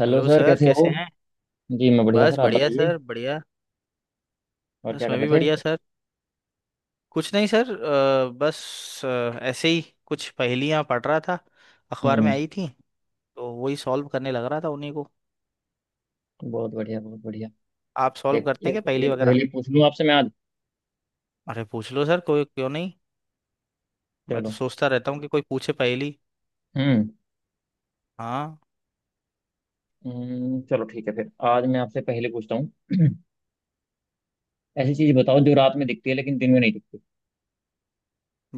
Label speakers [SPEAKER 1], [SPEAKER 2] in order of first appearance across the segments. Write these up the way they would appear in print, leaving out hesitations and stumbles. [SPEAKER 1] Hello
[SPEAKER 2] hello
[SPEAKER 1] sir
[SPEAKER 2] sir
[SPEAKER 1] कैसे हो।
[SPEAKER 2] कैसे हैं।
[SPEAKER 1] जी मैं बढ़िया
[SPEAKER 2] बस
[SPEAKER 1] सर, आप
[SPEAKER 2] बढ़िया
[SPEAKER 1] बताइए।
[SPEAKER 2] सर बढ़िया।
[SPEAKER 1] और
[SPEAKER 2] बस
[SPEAKER 1] क्या कर
[SPEAKER 2] मैं भी
[SPEAKER 1] रहे
[SPEAKER 2] बढ़िया
[SPEAKER 1] थे।
[SPEAKER 2] सर। कुछ नहीं सर। बस ऐसे ही कुछ पहेलियां पढ़ रहा था। अखबार में
[SPEAKER 1] हम्म।
[SPEAKER 2] आई थी तो वही सॉल्व करने लग रहा था उन्हीं को।
[SPEAKER 1] बहुत बढ़िया बहुत बढ़िया।
[SPEAKER 2] आप सॉल्व
[SPEAKER 1] एक
[SPEAKER 2] करते हैं क्या
[SPEAKER 1] एक
[SPEAKER 2] पहेली
[SPEAKER 1] एक
[SPEAKER 2] वगैरह।
[SPEAKER 1] पहेली पूछ लूँ आपसे मैं आज।
[SPEAKER 2] अरे पूछ लो सर, कोई क्यों नहीं। मैं तो
[SPEAKER 1] चलो।
[SPEAKER 2] सोचता रहता हूँ कि कोई पूछे पहेली।
[SPEAKER 1] हम्म।
[SPEAKER 2] हाँ।
[SPEAKER 1] चलो ठीक है फिर आज मैं आपसे पहेली पूछता हूँ। ऐसी चीज बताओ जो रात में दिखती है लेकिन दिन में नहीं दिखती।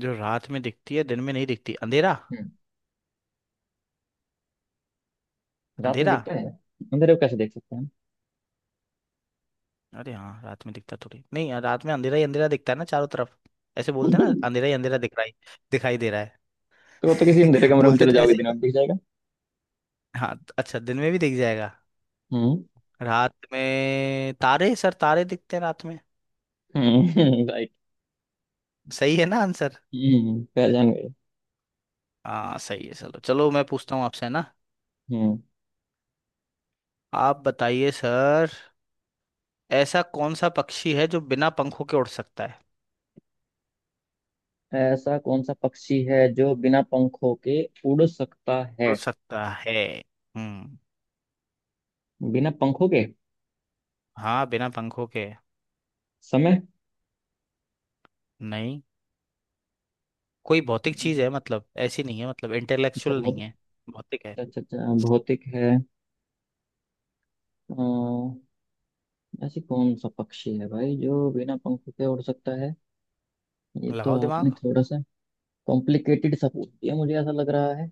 [SPEAKER 2] जो रात में दिखती है दिन में नहीं दिखती, अंधेरा।
[SPEAKER 1] हम्म। रात में
[SPEAKER 2] अंधेरा।
[SPEAKER 1] दिखता है। अंधेरे को कैसे देख सकते हैं?
[SPEAKER 2] अरे हाँ, रात में दिखता थोड़ी नहीं यार, रात में अंधेरा ही अंधेरा दिखता है ना चारों तरफ। ऐसे बोलते हैं ना अंधेरा ही अंधेरा दिख रहा है, दिखाई दे रहा है।
[SPEAKER 1] तो वो तो किसी अंधेरे कमरे में
[SPEAKER 2] बोलते
[SPEAKER 1] चले
[SPEAKER 2] तो
[SPEAKER 1] जाओगे
[SPEAKER 2] ऐसे
[SPEAKER 1] दिन
[SPEAKER 2] ही।
[SPEAKER 1] में दिख जाएगा।
[SPEAKER 2] हाँ अच्छा, दिन में भी दिख जाएगा।
[SPEAKER 1] हम्म।
[SPEAKER 2] रात में तारे सर, तारे दिखते हैं रात में।
[SPEAKER 1] हम्म। राइट।
[SPEAKER 2] सही है ना आंसर।
[SPEAKER 1] हम्म, पहचान गए।
[SPEAKER 2] हाँ सही है, चलो चलो मैं पूछता हूँ आपसे है ना।
[SPEAKER 1] हम्म।
[SPEAKER 2] आप बताइए सर। ऐसा कौन सा पक्षी है जो बिना पंखों के उड़ सकता है।
[SPEAKER 1] ऐसा कौन सा पक्षी है जो बिना पंखों के उड़ सकता है?
[SPEAKER 2] उड़ सकता है, हम्म।
[SPEAKER 1] बिना पंखों के?
[SPEAKER 2] हाँ, बिना पंखों के।
[SPEAKER 1] समय।
[SPEAKER 2] नहीं। कोई भौतिक चीज है, मतलब ऐसी नहीं है, मतलब
[SPEAKER 1] अच्छा
[SPEAKER 2] इंटेलेक्चुअल नहीं
[SPEAKER 1] बहुत।
[SPEAKER 2] है। भौतिक है।
[SPEAKER 1] अच्छा अच्छा, भौतिक है। अ, ऐसी कौन सा पक्षी है भाई जो बिना पंखों के उड़ सकता है? ये तो
[SPEAKER 2] लगाओ
[SPEAKER 1] आपने
[SPEAKER 2] दिमाग।
[SPEAKER 1] थोड़ा सा कॉम्प्लिकेटेड सा पूछ दिया, मुझे ऐसा लग रहा है।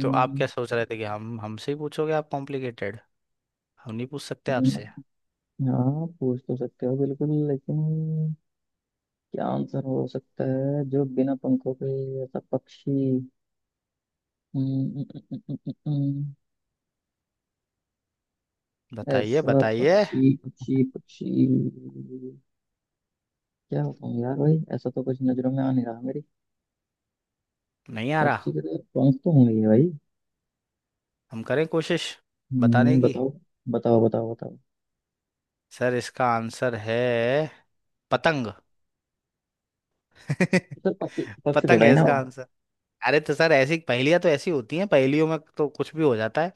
[SPEAKER 2] तो आप क्या सोच रहे थे कि हम हमसे ही पूछोगे आप कॉम्प्लिकेटेड, हम नहीं पूछ सकते
[SPEAKER 1] अम्म,
[SPEAKER 2] आपसे।
[SPEAKER 1] हाँ पूछ तो सकते हो बिल्कुल, लेकिन क्या आंसर हो सकता है जो बिना पंखों के ऐसा पक्षी? अम्म, अम्म, अम्म, अम्म, अम्म,
[SPEAKER 2] बताइए
[SPEAKER 1] ऐसा
[SPEAKER 2] बताइए।
[SPEAKER 1] पक्षी पक्षी पक्षी। क्या बताऊँ यार भाई, ऐसा तो कुछ नजरों में आ नहीं रहा मेरी।
[SPEAKER 2] नहीं आ रहा।
[SPEAKER 1] पक्षी के तो पंख तो होंगे ही भाई।
[SPEAKER 2] हम करें कोशिश बताने की।
[SPEAKER 1] बताओ बताओ बताओ। बताओ
[SPEAKER 2] सर इसका आंसर है पतंग।
[SPEAKER 1] सर, पक्षी पक्षी
[SPEAKER 2] पतंग
[SPEAKER 1] थोड़ा ही
[SPEAKER 2] है
[SPEAKER 1] ना
[SPEAKER 2] इसका
[SPEAKER 1] हो।
[SPEAKER 2] आंसर। अरे तो सर ऐसी पहेलियां तो ऐसी होती हैं, पहेलियों में तो कुछ भी हो जाता है।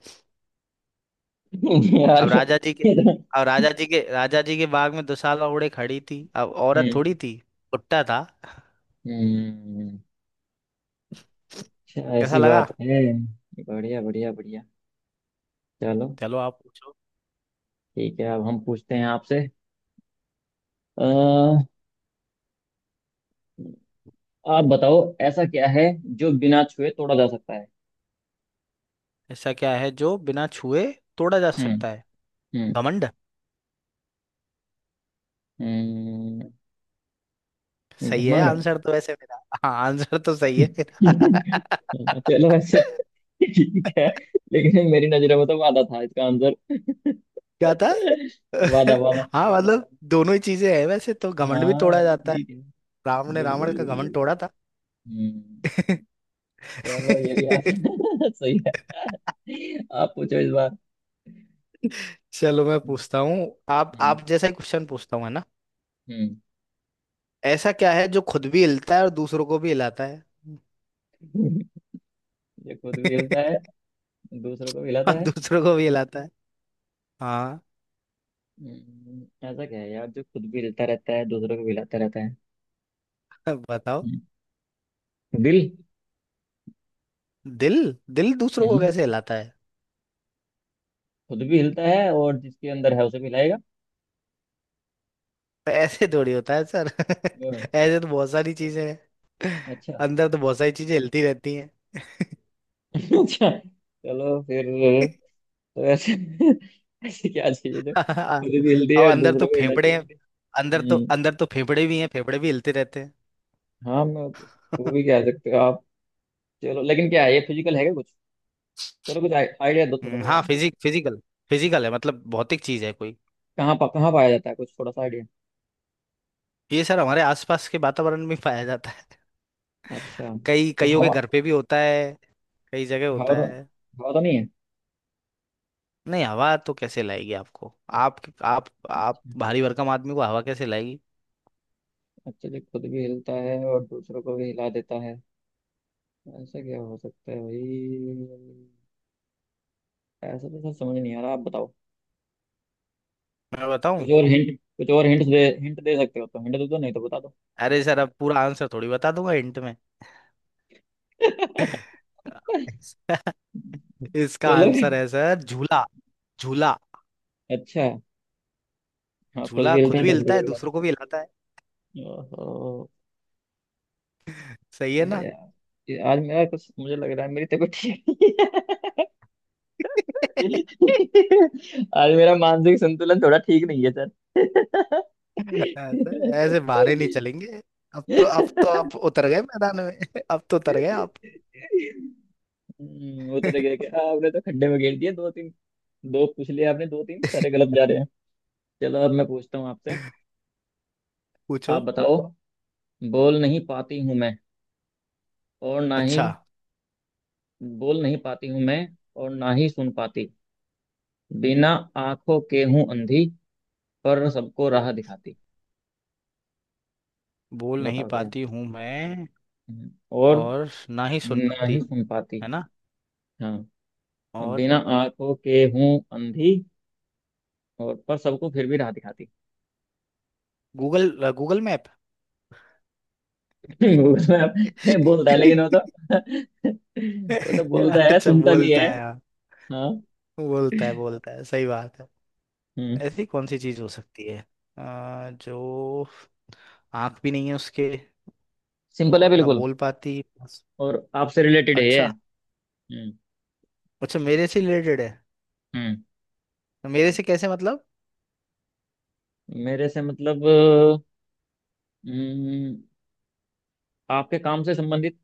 [SPEAKER 1] यार
[SPEAKER 2] अब
[SPEAKER 1] ये,
[SPEAKER 2] राजा जी के
[SPEAKER 1] ये तो
[SPEAKER 2] अब राजा जी के बाग में दुशाला ओढ़े खड़ी थी, अब औरत
[SPEAKER 1] हम्म।
[SPEAKER 2] थोड़ी थी, भुट्टा था।
[SPEAKER 1] हम्म, अच्छा
[SPEAKER 2] कैसा
[SPEAKER 1] ऐसी
[SPEAKER 2] लगा।
[SPEAKER 1] बात है। बढ़िया बढ़िया बढ़िया। चलो,
[SPEAKER 2] चलो आप पूछो।
[SPEAKER 1] ठीक है अब हम पूछते हैं आपसे। अ, आप बताओ ऐसा क्या है जो बिना छुए तोड़ा जा सकता है?
[SPEAKER 2] ऐसा क्या है जो बिना छुए तोड़ा जा
[SPEAKER 1] हम्म।
[SPEAKER 2] सकता है।
[SPEAKER 1] हम्म।
[SPEAKER 2] घमंड।
[SPEAKER 1] हम्म,
[SPEAKER 2] सही है
[SPEAKER 1] घमंड।
[SPEAKER 2] आंसर तो वैसे मेरा। हाँ आंसर तो सही है मेरा।
[SPEAKER 1] चलो ऐसे ठीक है, लेकिन मेरी नजरों में तो वादा था इसका आंसर।
[SPEAKER 2] क्या था।
[SPEAKER 1] वादा वादा।
[SPEAKER 2] हाँ मतलब दोनों ही चीजें हैं, वैसे तो घमंड भी
[SPEAKER 1] हाँ वो
[SPEAKER 2] तोड़ा
[SPEAKER 1] भी
[SPEAKER 2] जाता है।
[SPEAKER 1] ठीक है।
[SPEAKER 2] राम ने रावण
[SPEAKER 1] बिल्कुल
[SPEAKER 2] का घमंड
[SPEAKER 1] बिल्कुल।
[SPEAKER 2] तोड़ा था।
[SPEAKER 1] हम्म। चलो ये भी आप सही है। आप पूछो इस बार।
[SPEAKER 2] चलो मैं पूछता हूँ। आप
[SPEAKER 1] हम्म।
[SPEAKER 2] आप जैसा ही क्वेश्चन पूछता हूँ है ना।
[SPEAKER 1] हम्म।
[SPEAKER 2] ऐसा क्या है जो खुद भी हिलता है और दूसरों को भी हिलाता है।
[SPEAKER 1] ये खुद भी हिलता है दूसरों को भी हिलाता
[SPEAKER 2] और
[SPEAKER 1] है।
[SPEAKER 2] दूसरों को भी हिलाता है। हाँ।
[SPEAKER 1] ऐसा क्या है यार जो खुद भी हिलता रहता है दूसरों को भी हिलाता रहता है?
[SPEAKER 2] बताओ।
[SPEAKER 1] हम्म, दिल।
[SPEAKER 2] दिल। दिल दूसरों को
[SPEAKER 1] हम्म।
[SPEAKER 2] कैसे हिलाता है।
[SPEAKER 1] खुद भी हिलता है और जिसके अंदर है उसे भी हिलाएगा।
[SPEAKER 2] तो ऐसे थोड़ी होता है सर।
[SPEAKER 1] और-।
[SPEAKER 2] ऐसे तो बहुत सारी चीजें हैं,
[SPEAKER 1] अच्छा।
[SPEAKER 2] अंदर तो बहुत सारी चीजें हिलती रहती हैं।
[SPEAKER 1] अच्छा चलो फिर। तो ऐसे ऐसे क्या चाहिए जो खुद ही हिलती
[SPEAKER 2] अब
[SPEAKER 1] है और
[SPEAKER 2] अंदर तो
[SPEAKER 1] दूसरों को हिलाती
[SPEAKER 2] फेफड़े
[SPEAKER 1] है?
[SPEAKER 2] हैं, अंदर तो
[SPEAKER 1] हम्म।
[SPEAKER 2] अंदर तो फेफड़े भी हैं, फेफड़े भी हिलते रहते हैं।
[SPEAKER 1] हाँ मैं, वो भी कह सकते हो आप। चलो लेकिन क्या है ये, फिजिकल है क्या कुछ? चलो कुछ आइडिया दो थोड़ा सा
[SPEAKER 2] हाँ
[SPEAKER 1] यार।
[SPEAKER 2] फिजिकल। फिजिकल है, मतलब भौतिक चीज है कोई।
[SPEAKER 1] कहाँ पाया जाता है, कुछ थोड़ा सा आइडिया?
[SPEAKER 2] ये सर हमारे आसपास के वातावरण में पाया जाता है।
[SPEAKER 1] अच्छा।
[SPEAKER 2] कई
[SPEAKER 1] तो
[SPEAKER 2] कईयों के
[SPEAKER 1] हवा।
[SPEAKER 2] घर पे भी होता है, कई जगह
[SPEAKER 1] हवा
[SPEAKER 2] होता
[SPEAKER 1] तो
[SPEAKER 2] है।
[SPEAKER 1] हवा तो नहीं है?
[SPEAKER 2] नहीं हवा तो कैसे लाएगी आपको। आप भारी भरकम आदमी को हवा कैसे लाएगी।
[SPEAKER 1] अच्छा जी, खुद भी हिलता है और दूसरों को भी हिला देता है, ऐसा क्या हो सकता है भाई? ऐसा तो सर समझ नहीं आ रहा, आप बताओ।
[SPEAKER 2] मैं बताऊं।
[SPEAKER 1] कुछ और हिंट, कुछ और हिंट दे सकते हो तो हिंट दे दो, नहीं तो बता दो।
[SPEAKER 2] अरे सर अब पूरा आंसर थोड़ी बता दूंगा हिंट में। इसका
[SPEAKER 1] चलो।
[SPEAKER 2] आंसर है सर झूला। झूला।
[SPEAKER 1] अच्छा। हाँ खुद
[SPEAKER 2] झूला
[SPEAKER 1] भी हिलते
[SPEAKER 2] खुद
[SPEAKER 1] हैं
[SPEAKER 2] भी
[SPEAKER 1] दूसरों को
[SPEAKER 2] हिलता
[SPEAKER 1] भी
[SPEAKER 2] है
[SPEAKER 1] हिलाते।
[SPEAKER 2] दूसरों को भी हिलाता है,
[SPEAKER 1] ओहो।
[SPEAKER 2] सही है
[SPEAKER 1] हैं। अरे
[SPEAKER 2] ना।
[SPEAKER 1] यार ये आज मेरा कुछ मुझे लग रहा है मेरी तबीयत ठीक नहीं है। आज मेरा मानसिक संतुलन थोड़ा ठीक नहीं है सर।
[SPEAKER 2] ऐसे, ऐसे बहाने नहीं चलेंगे। अब तो आप उतर गए मैदान में। अब तो उतर गए आप।
[SPEAKER 1] उतर गया क्या, आपने तो खड्डे में घेर दिया। दो तीन, दो पूछ लिए आपने, दो तीन सारे गलत जा रहे हैं। चलो अब मैं पूछता हूँ आपसे। आप
[SPEAKER 2] पूछो।
[SPEAKER 1] बताओ। बोल नहीं पाती हूँ मैं, और ना ही,
[SPEAKER 2] अच्छा।
[SPEAKER 1] बोल नहीं पाती हूँ मैं और ना ही सुन पाती, बिना आंखों के हूं अंधी, पर सबको राह दिखाती।
[SPEAKER 2] बोल नहीं
[SPEAKER 1] बताओ क्या है?
[SPEAKER 2] पाती हूँ मैं
[SPEAKER 1] और
[SPEAKER 2] और ना ही सुन
[SPEAKER 1] ना ही
[SPEAKER 2] पाती,
[SPEAKER 1] सुन पाती।
[SPEAKER 2] है ना।
[SPEAKER 1] हाँ।
[SPEAKER 2] और,
[SPEAKER 1] बिना आंखों के हूं अंधी और पर सबको फिर भी राह दिखाती।
[SPEAKER 2] Google, Google map.
[SPEAKER 1] उसमें आप- बोलता है लेकिन वो तो वो तो बोलता है
[SPEAKER 2] अच्छा
[SPEAKER 1] सुनता भी
[SPEAKER 2] बोलता
[SPEAKER 1] है।
[SPEAKER 2] है, हाँ।
[SPEAKER 1] हाँ।
[SPEAKER 2] बोलता है बोलता है, सही बात है।
[SPEAKER 1] हम्म।
[SPEAKER 2] ऐसी कौन सी चीज हो सकती है जो आंख भी नहीं है उसके
[SPEAKER 1] सिंपल है
[SPEAKER 2] और ना
[SPEAKER 1] बिल्कुल।
[SPEAKER 2] बोल पाती बस।
[SPEAKER 1] और आपसे रिलेटेड है ये।
[SPEAKER 2] अच्छा।
[SPEAKER 1] हम्म।
[SPEAKER 2] अच्छा मेरे से रिलेटेड है,
[SPEAKER 1] हम्म।
[SPEAKER 2] तो मेरे से कैसे मतलब।
[SPEAKER 1] मेरे से मतलब हम्म, आपके काम से संबंधित।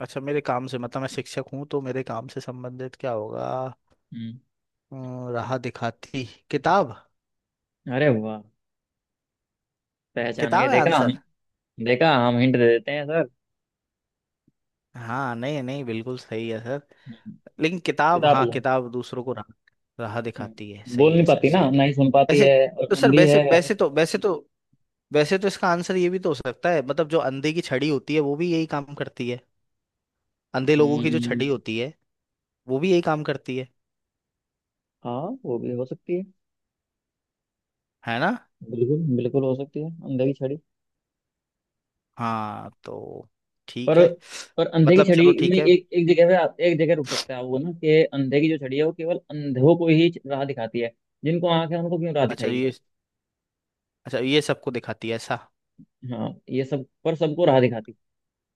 [SPEAKER 2] अच्छा मेरे काम से, मतलब मैं शिक्षक हूँ तो मेरे काम से संबंधित क्या होगा।
[SPEAKER 1] हम्म,
[SPEAKER 2] अम, राह दिखाती, किताब।
[SPEAKER 1] अरे वाह, पहचान गए,
[SPEAKER 2] किताब है
[SPEAKER 1] देखा?
[SPEAKER 2] आंसर।
[SPEAKER 1] देखा, हम हिंट दे देते हैं सर।
[SPEAKER 2] हाँ नहीं नहीं, बिल्कुल सही है सर।
[SPEAKER 1] हम्म,
[SPEAKER 2] लेकिन किताब,
[SPEAKER 1] किताब
[SPEAKER 2] हाँ
[SPEAKER 1] लो।
[SPEAKER 2] किताब दूसरों को राह राह दिखाती है,
[SPEAKER 1] बोल
[SPEAKER 2] सही है
[SPEAKER 1] नहीं
[SPEAKER 2] सर
[SPEAKER 1] पाती, ना
[SPEAKER 2] सही
[SPEAKER 1] ना
[SPEAKER 2] है।
[SPEAKER 1] ही सुन पाती
[SPEAKER 2] वैसे
[SPEAKER 1] है, और
[SPEAKER 2] तो सर,
[SPEAKER 1] अंधी
[SPEAKER 2] वैसे
[SPEAKER 1] है वैसे।
[SPEAKER 2] वैसे तो वैसे तो वैसे तो इसका आंसर ये भी तो हो सकता है, मतलब जो अंधे की छड़ी होती है वो भी यही काम करती है। अंधे लोगों की जो छड़ी
[SPEAKER 1] हम्म,
[SPEAKER 2] होती है वो भी यही काम करती है
[SPEAKER 1] हाँ वो भी हो सकती है।
[SPEAKER 2] है ना।
[SPEAKER 1] बिल्कुल बिल्कुल हो सकती है, अंधे की छड़ी।
[SPEAKER 2] हाँ तो
[SPEAKER 1] पर
[SPEAKER 2] ठीक है,
[SPEAKER 1] पर अंधे की
[SPEAKER 2] मतलब
[SPEAKER 1] छड़ी
[SPEAKER 2] चलो
[SPEAKER 1] में
[SPEAKER 2] ठीक है।
[SPEAKER 1] एक एक जगह पे आप एक जगह रुक सकता है वो, ना कि अंधे की जो छड़ी है वो केवल अंधों को ही राह दिखाती है, जिनको आंख है उनको क्यों राह
[SPEAKER 2] अच्छा
[SPEAKER 1] दिखाएगी?
[SPEAKER 2] ये, अच्छा ये सबको दिखाती है ऐसा।
[SPEAKER 1] हाँ ये सब, पर सबको राह दिखाती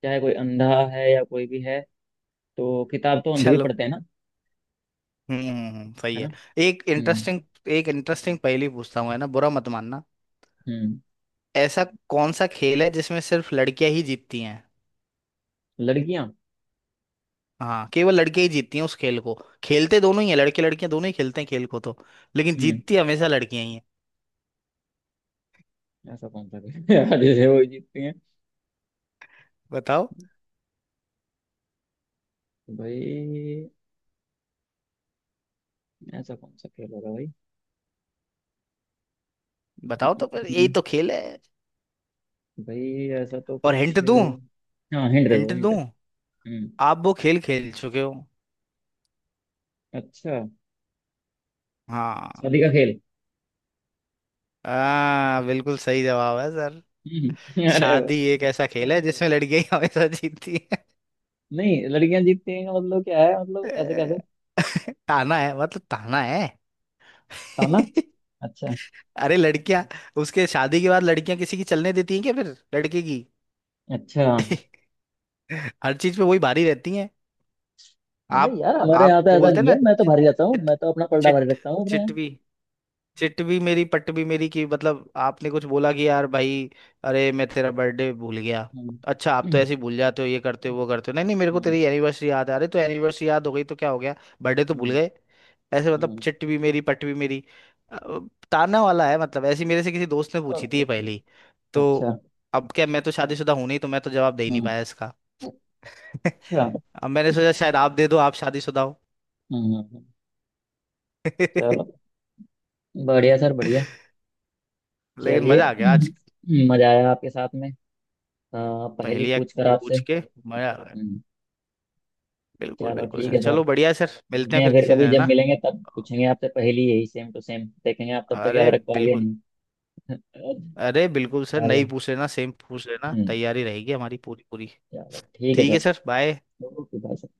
[SPEAKER 1] चाहे कोई अंधा है या कोई भी है, तो किताब तो अंधे भी
[SPEAKER 2] चलो।
[SPEAKER 1] पढ़ते हैं ना,
[SPEAKER 2] सही
[SPEAKER 1] है
[SPEAKER 2] है।
[SPEAKER 1] ना।
[SPEAKER 2] एक
[SPEAKER 1] हम्म।
[SPEAKER 2] इंटरेस्टिंग एक इंटरेस्टिंग पहेली पूछता हूँ है ना, बुरा मत मानना।
[SPEAKER 1] हम्म।
[SPEAKER 2] ऐसा कौन सा खेल है जिसमें सिर्फ लड़कियां ही जीतती हैं।
[SPEAKER 1] लड़कियां।
[SPEAKER 2] हाँ केवल लड़कियां ही जीतती हैं उस खेल को। खेलते दोनों ही हैं, लड़के लड़कियां दोनों ही खेलते हैं खेल को तो, लेकिन
[SPEAKER 1] हम्म।
[SPEAKER 2] जीतती हमेशा लड़कियां ही हैं।
[SPEAKER 1] ऐसा कौन सा खेल यार जैसे वो जीतती हैं?
[SPEAKER 2] बताओ।
[SPEAKER 1] तो भाई ऐसा कौन सा खेल होगा भाई?
[SPEAKER 2] बताओ तो फिर, यही
[SPEAKER 1] हम्म,
[SPEAKER 2] तो खेल है।
[SPEAKER 1] भाई ऐसा तो
[SPEAKER 2] और
[SPEAKER 1] कुछ।
[SPEAKER 2] हिंट दूं।
[SPEAKER 1] हाँ हिंट दे दो
[SPEAKER 2] हिंट
[SPEAKER 1] हिंट।
[SPEAKER 2] दूं
[SPEAKER 1] हम्म।
[SPEAKER 2] आप वो खेल खेल चुके हो।
[SPEAKER 1] अच्छा,
[SPEAKER 2] हाँ।
[SPEAKER 1] शादी का खेल।
[SPEAKER 2] हाँ बिल्कुल सही जवाब है सर।
[SPEAKER 1] अरे वाह।
[SPEAKER 2] शादी एक ऐसा खेल है जिसमें लड़कियां ही हमेशा जीतती है।
[SPEAKER 1] नहीं, लड़कियां जीतती हैं का मतलब क्या है, मतलब ऐसे कैसे?
[SPEAKER 2] ताना है, मतलब ताना है।
[SPEAKER 1] ताना। अच्छा।
[SPEAKER 2] अरे लड़कियां, उसके शादी के बाद लड़कियां किसी की चलने देती हैं क्या फिर, लड़के की।
[SPEAKER 1] अच्छा
[SPEAKER 2] हर चीज पे वही भारी रहती हैं।
[SPEAKER 1] नहीं
[SPEAKER 2] आप
[SPEAKER 1] यार, हमारे यहाँ
[SPEAKER 2] आप
[SPEAKER 1] तो ऐसा
[SPEAKER 2] बोलते हैं
[SPEAKER 1] नहीं
[SPEAKER 2] ना,
[SPEAKER 1] है, मैं तो
[SPEAKER 2] चिट
[SPEAKER 1] भारी रहता हूँ,
[SPEAKER 2] चिट
[SPEAKER 1] मैं तो अपना पलड़ा भारी
[SPEAKER 2] चिट
[SPEAKER 1] रखता हूँ अपने यहाँ।
[SPEAKER 2] चिटवी, चिट भी मेरी पट भी मेरी, कि मतलब आपने कुछ बोला कि यार भाई अरे मैं तेरा बर्थडे भूल गया।
[SPEAKER 1] हम्म।
[SPEAKER 2] अच्छा, आप तो
[SPEAKER 1] हम्म।
[SPEAKER 2] ऐसे ही भूल जाते हो, ये करते हो वो करते हो, नहीं नहीं मेरे को
[SPEAKER 1] हम्म।
[SPEAKER 2] तेरी एनिवर्सरी याद है, अरे तो एनिवर्सरी याद हो गई तो क्या हो गया, बर्थडे तो भूल
[SPEAKER 1] हम्म,
[SPEAKER 2] गए। ऐसे मतलब
[SPEAKER 1] हम्म।
[SPEAKER 2] चिट भी मेरी पट भी मेरी। अ, ताना वाला है मतलब, ऐसी मेरे से किसी दोस्त ने पूछी थी
[SPEAKER 1] ओके
[SPEAKER 2] ये
[SPEAKER 1] ओके।
[SPEAKER 2] पहली। तो
[SPEAKER 1] अच्छा।
[SPEAKER 2] अब क्या, मैं तो शादीशुदा हूं नहीं तो मैं तो जवाब दे ही नहीं
[SPEAKER 1] हम्म।
[SPEAKER 2] पाया इसका।
[SPEAKER 1] अच्छा। हम्म।
[SPEAKER 2] अब मैंने सोचा शायद आप दे दो, आप शादीशुदा हो।
[SPEAKER 1] हम्म, हम्म। चलो, बढ़िया सर बढ़िया।
[SPEAKER 2] लेकिन
[SPEAKER 1] चलिए,
[SPEAKER 2] मजा आ गया आज,
[SPEAKER 1] मजा आया आपके साथ में, पहेली
[SPEAKER 2] पहेलियां
[SPEAKER 1] पूछ कर आपसे।
[SPEAKER 2] पूछ के मजा आ गया।
[SPEAKER 1] हम्म,
[SPEAKER 2] बिल्कुल
[SPEAKER 1] चलो
[SPEAKER 2] बिल्कुल
[SPEAKER 1] ठीक
[SPEAKER 2] सर,
[SPEAKER 1] है सर,
[SPEAKER 2] चलो बढ़िया है सर, मिलते
[SPEAKER 1] मिलते
[SPEAKER 2] हैं
[SPEAKER 1] हैं
[SPEAKER 2] फिर
[SPEAKER 1] फिर
[SPEAKER 2] किसी दिन
[SPEAKER 1] कभी,
[SPEAKER 2] है
[SPEAKER 1] जब
[SPEAKER 2] ना।
[SPEAKER 1] मिलेंगे तब पूछेंगे आपसे पहेली, यही सेम टू सेम, देखेंगे आप तब तक
[SPEAKER 2] अरे
[SPEAKER 1] याद
[SPEAKER 2] थैंक यू,
[SPEAKER 1] रख पाओगे या
[SPEAKER 2] बिल्कुल।
[SPEAKER 1] नहीं।
[SPEAKER 2] अरे बिल्कुल सर, नई
[SPEAKER 1] चलो।
[SPEAKER 2] पूछ लेना सेम पूछ लेना,
[SPEAKER 1] हम्म,
[SPEAKER 2] तैयारी रहेगी हमारी पूरी पूरी।
[SPEAKER 1] चलो ठीक है
[SPEAKER 2] ठीक है
[SPEAKER 1] sir.
[SPEAKER 2] Sir, bye.
[SPEAKER 1] Okay bye.